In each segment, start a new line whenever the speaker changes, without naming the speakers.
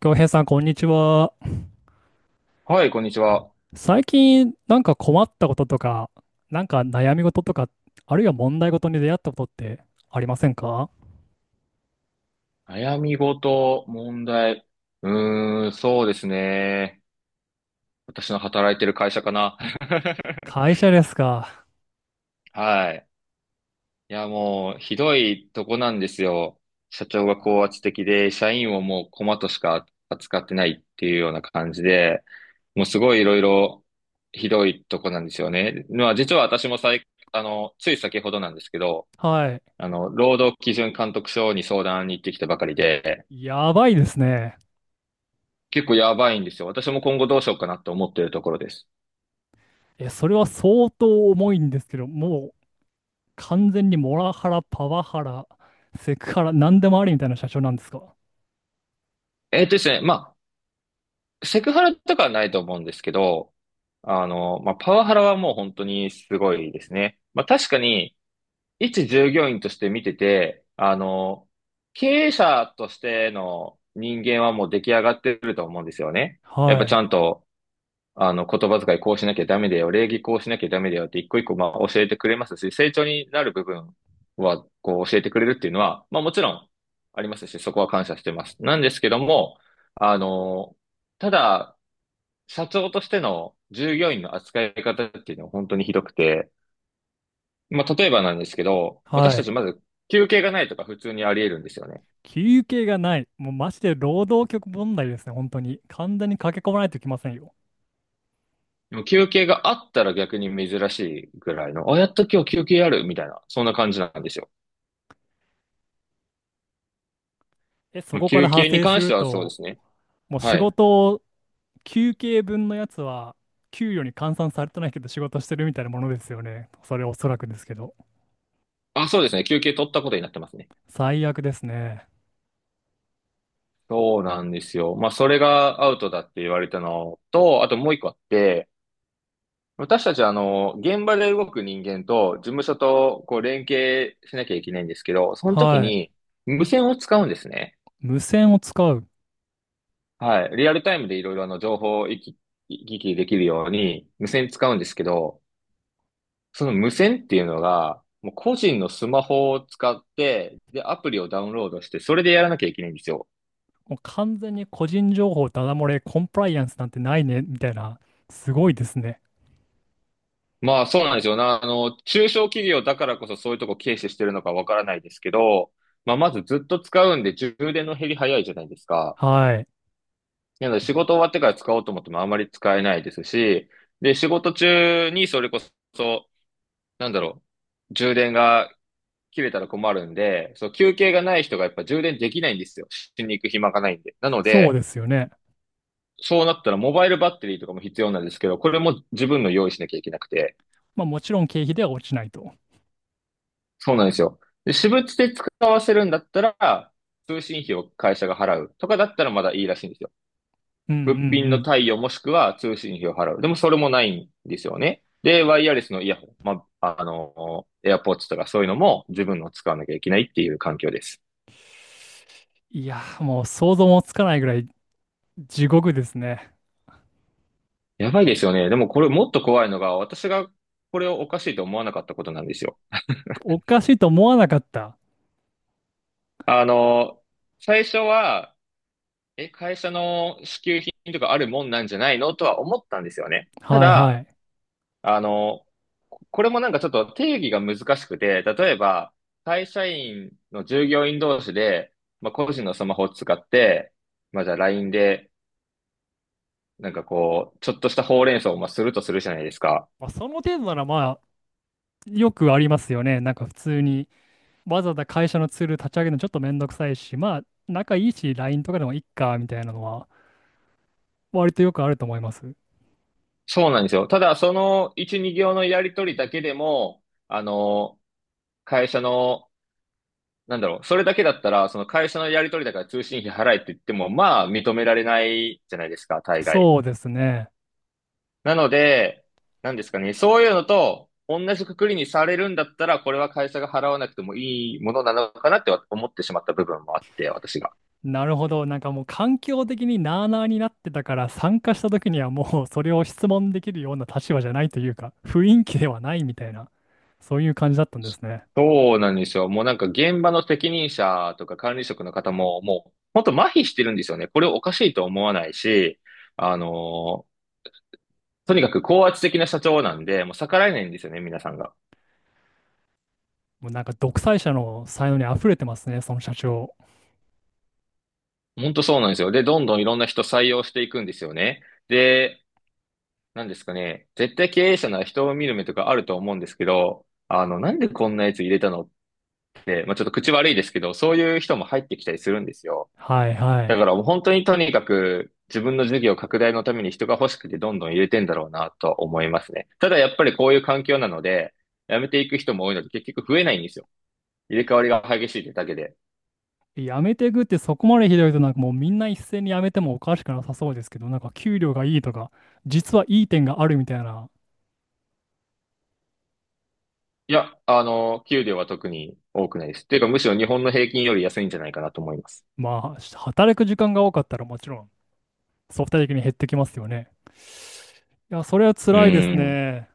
京平さん、こんにちは。
はい、こんにちは。
最近、なんか困ったこととか、なんか悩み事とか、あるいは問題事に出会ったことってありませんか？
悩み事、問題。そうですね。私の働いてる会社かな。
会社ですか。
はい。いや、もう、ひどいとこなんですよ。社長が高圧的で、社員をもうコマとしか扱ってないっていうような感じで、もうすごいいろいろひどいとこなんですよね。まあ、実は私もさい、あの、つい先ほどなんですけど、
はい。
労働基準監督署に相談に行ってきたばかりで、
やばいですね。
結構やばいんですよ。私も今後どうしようかなって思ってるところです。
え、それは相当重いんですけど、もう完全にモラハラ、パワハラ、セクハラ、何でもありみたいな社長なんですか？
まあ、セクハラとかはないと思うんですけど、まあ、パワハラはもう本当にすごいですね。まあ、確かに、一従業員として見てて、経営者としての人間はもう出来上がってると思うんですよね。やっぱ
は
ち
い。
ゃんと言葉遣いこうしなきゃダメだよ、礼儀こうしなきゃダメだよって一個一個まあ教えてくれますし、成長になる部分はこう教えてくれるっていうのは、まあもちろんありますし、そこは感謝してます。なんですけども、あの、ただ、社長としての従業員の扱い方っていうのは本当にひどくて、まあ例えばなんですけど、私
は
た
い。
ちまず休憩がないとか普通にあり得るんですよね。
休憩がない。もうマジで労働局問題ですね、本当に。完全に駆け込まないといけませんよ。
でも休憩があったら逆に珍しいぐらいの、あ、やっと今日休憩あるみたいな、そんな感じなんですよ。
え、そ
まあ
こから
休
派
憩に
生す
関し
る
てはそうで
と、
すね。
もう
は
仕
い。
事を、休憩分のやつは、給与に換算されてないけど仕事してるみたいなものですよね。それおそらくですけど。
あ、そうですね。休憩取ったことになってますね。
最悪ですね。
そうなんですよ。まあ、それがアウトだって言われたのと、あともう一個あって、私たちは現場で動く人間と事務所とこう連携しなきゃいけないんですけど、その時
はい。
に無線を使うんですね。
無線を使う。
はい。リアルタイムでいろいろ情報を行き来できるように無線使うんですけど、その無線っていうのが、もう個人のスマホを使って、で、アプリをダウンロードして、それでやらなきゃいけないんですよ。
もう完全に個人情報ダダ漏れ、コンプライアンスなんてないね、みたいな。すごいですね。
まあそうなんですよな。あの、中小企業だからこそそういうとこ軽視してるのかわからないですけど、まあまずずっと使うんで充電の減り早いじゃないですか。
はい。
なので仕事終わってから使おうと思ってもあまり使えないですし、で、仕事中にそれこそ、なんだろ充電が切れたら困るんで、そう、休憩がない人がやっぱ充電できないんですよ。しに行く暇がないんで。なの
そう
で、
ですよね。
そうなったらモバイルバッテリーとかも必要なんですけど、これも自分の用意しなきゃいけなくて、
まあもちろん経費では落ちないと。
そうなんですよ。で、私物で使わせるんだったら、通信費を会社が払うとかだったらまだいいらしいんですよ。
うんう
物
ん
品
う
の
ん。
貸与もしくは通信費を払う。でもそれもないんですよね。で、ワイヤレスのイヤホン、エアポー d とかそういうのも自分の使わなきゃいけないっていう環境です。
いやー、もう想像もつかないぐらい地獄ですね。
やばいですよね。でもこれもっと怖いのが、私がこれをおかしいと思わなかったことなんですよ。
おかしいと思わなかった。
あの、最初は、え、会社の支給品とかあるもんなんじゃないのとは思ったんですよね。た
はいは
だ、
い。
あの、これもなんかちょっと定義が難しくて、例えば、会社員の従業員同士で、まあ、個人のスマホを使って、まあ、じゃあ LINE で、なんかこう、ちょっとしたほうれん草をまあするとするじゃないですか。
まあ、その程度ならよくありますよね。なんか普通にわざわざ会社のツール立ち上げるのちょっとめんどくさいし、まあ仲いいし LINE とかでもいっかみたいなのは割とよくあると思います。
そうなんですよ。ただ、その1、2行のやりとりだけでも、あの、会社のなんだろう、それだけだったら、その会社のやり取りだから通信費払えって言っても、まあ認められないじゃないですか、大概。
そうですね。
なので、なんですかね、そういうのと同じくくりにされるんだったら、これは会社が払わなくてもいいものなのかなって思ってしまった部分もあって、私が。
なるほど。なんかもう環境的になあなあになってたから参加した時にはもうそれを質問できるような立場じゃないというか雰囲気ではないみたいな、そういう感じだったんですね。
そうなんですよ。もうなんか現場の責任者とか管理職の方も、もう本当麻痺してるんですよね。これをおかしいと思わないし、あのーとにかく高圧的な社長なんで、もう逆らえないんですよね、皆さんが。
もうなんか独裁者の才能に溢れてますね、その社長。
本当そうなんですよ。で、どんどんいろんな人採用していくんですよね。で、なんですかね。絶対経営者なら人を見る目とかあると思うんですけど、あの、なんでこんなやつ入れたのって、まあ、ちょっと口悪いですけど、そういう人も入ってきたりするんですよ。
はいは
だ
い。
からもう本当にとにかく自分の事業拡大のために人が欲しくてどんどん入れてんだろうなとは思いますね。ただやっぱりこういう環境なので、辞めていく人も多いので結局増えないんですよ。入れ替わりが激しいってだけで。
やめていくってそこまでひどいとなんかもうみんな一斉にやめてもおかしくなさそうですけど、なんか給料がいいとか、実はいい点があるみたいな、
給料は特に多くないです。っていうか、むしろ日本の平均より安いんじゃないかなと思います。
まあ働く時間が多かったらもちろん相対的に減ってきますよね。いや、それは
う
辛いです
ん。
ね。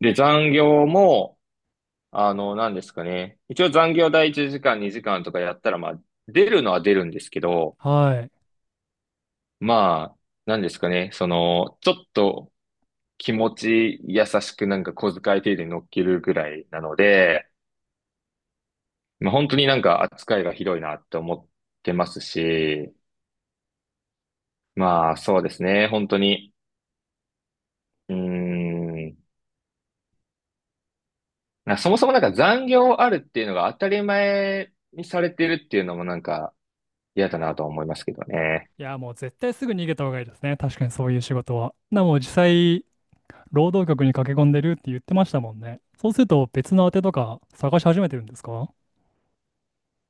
で、残業も、何ですかね。一応残業第1時間、2時間とかやったら、まあ、出るのは出るんですけど、
はい。
まあ、何ですかね。その、ちょっと気持ち優しくなんか小遣い程度に乗っけるぐらいなので、まあ、本当になんか扱いがひどいなって思ってますし、まあ、そうですね。本当に。うん。なんかそもそもなんか残業あるっていうのが当たり前にされてるっていうのもなんか嫌だなとは思いますけどね。
いや、もう絶対すぐ逃げた方がいいですね。確かにそういう仕事は。な、もう実際、労働局に駆け込んでるって言ってましたもんね。そうすると別の宛てとか探し始めてるんですか？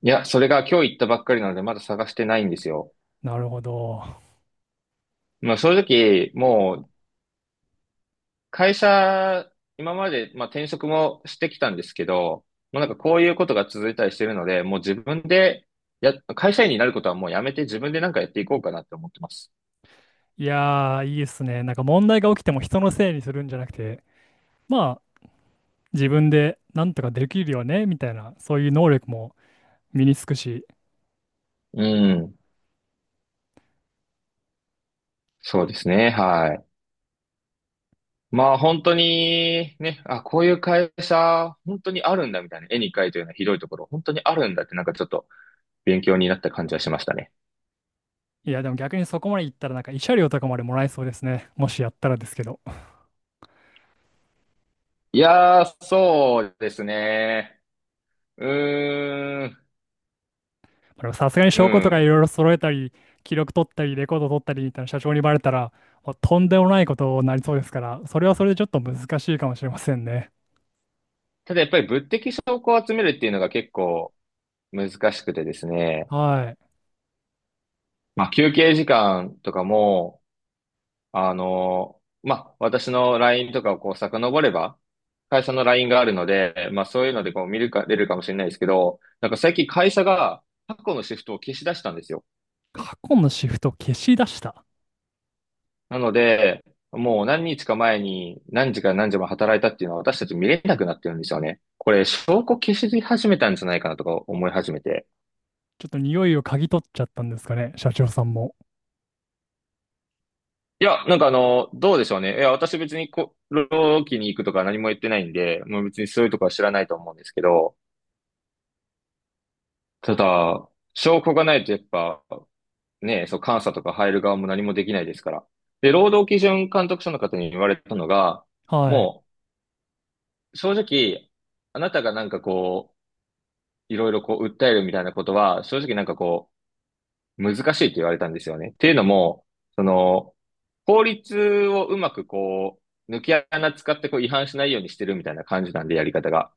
いや、それが今日行ったばっかりなのでまだ探してないんですよ。
なるほど。
まあ正直、もう会社、今までまあ転職もしてきたんですけど、もうなんかこういうことが続いたりしてるので、もう自分でや、会社員になることはもうやめて自分でなんかやっていこうかなって思ってます。
いやー、いいですね。なんか問題が起きても人のせいにするんじゃなくて、まあ、自分でなんとかできるよね、みたいな、そういう能力も身につくし、
うん。そうですね。はい。まあ本当にね、あ、こういう会社、本当にあるんだみたいな、絵に描いたようなひどいところ、本当にあるんだってなんかちょっと勉強になった感じはしましたね。
いや、でも逆にそこまでいったら、なんか慰謝料とかまでもらえそうですね。もしやったらですけど。ま
いやー、そうですね。うーん、
あでもさすがに
う
証拠とかい
ん。
ろいろ揃えたり、記録取ったり、レコード取ったりみたいな社長にバレたら、もうとんでもないことになりそうですから、それはそれでちょっと難しいかもしれませんね。
ただやっぱり物的証拠を集めるっていうのが結構難しくてですね。
はい。
まあ休憩時間とかも、まあ、私の LINE とかをこう遡れば、会社の LINE があるので、まあ、そういうのでこう見るか、出るかもしれないですけど、なんか最近会社が過去のシフトを消し出したんですよ。
過去のシフト消し出した。
なので、もう何日か前に何時から何時まで働いたっていうのは私たち見れなくなってるんですよね。これ、証拠消し始めたんじゃないかなとか思い始めて。
ちょっと匂いを嗅ぎ取っちゃったんですかね、社長さんも。
どうでしょうね。いや、私別に労キに行くとか何も言ってないんで、もう別にそういうとこは知らないと思うんですけど、ただ、証拠がないとやっぱ、ね、そう、監査とか入る側も何もできないですから。で、労働基準監督署の方に言われたのが、
はい。
もう、正直、あなたがなんかこう、いろいろこう、訴えるみたいなことは、正直難しいって言われたんですよね。っていうのも、その、法律をうまく抜け穴使ってこう、違反しないようにしてるみたいな感じなんで、やり方が。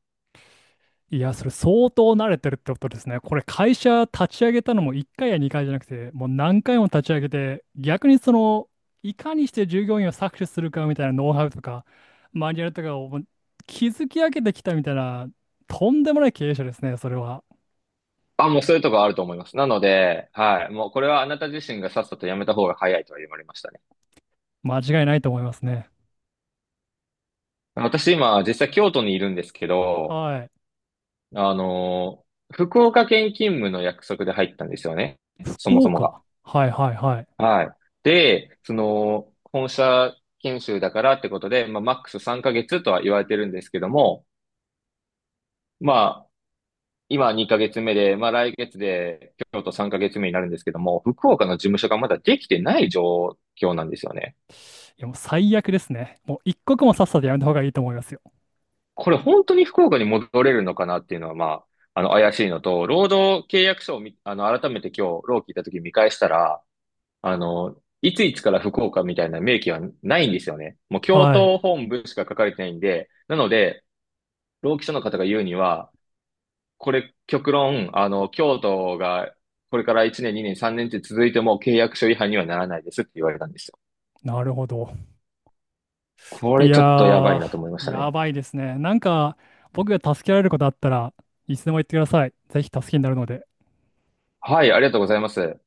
いや、それ相当慣れてるってことですね。これ会社立ち上げたのも1回や2回じゃなくて、もう何回も立ち上げて、逆にその、いかにして従業員を搾取するかみたいなノウハウとか、マニュアルとかをもう築き上げてきたみたいな、とんでもない経営者ですね、それは。
あ、もうそういうとこあると思います。なので、はい、もうこれはあなた自身がさっさとやめた方が早いとは言われました。
間違いないと思いますね。
私今、実際京都にいるんですけど、
はい。
あの福岡県勤務の約束で入ったんですよね。そも
福
そもが。
岡。はいはいはい。
はい。で、その、本社研修だからってことで、まあ、マックス3ヶ月とは言われてるんですけども、まあ、今2ヶ月目で、まあ、来月で京都3ヶ月目になるんですけども、福岡の事務所がまだできてない状況なんですよね。
いや、もう最悪ですね。もう一刻もさっさとやめた方がいいと思いますよ。
これ本当に福岡に戻れるのかなっていうのは、怪しいのと、労働契約書をみ、あの、改めて今日、労基行った時見返したら、あの、いついつから福岡みたいな明記はないんですよね。もう、京
はい。
都本部しか書かれてないんで、なので、労基署の方が言うには、これ、極論、京都が、これから1年、2年、3年って続いても契約書違反にはならないですって言われたんですよ。
なるほど。
こ
い
れ
や
ちょっとやばい
ー、
なと思いました
や
ね。
ばいですね。なんか、僕が助けられることあったらいつでも言ってください。ぜひ助けになるので。
はい、ありがとうございます。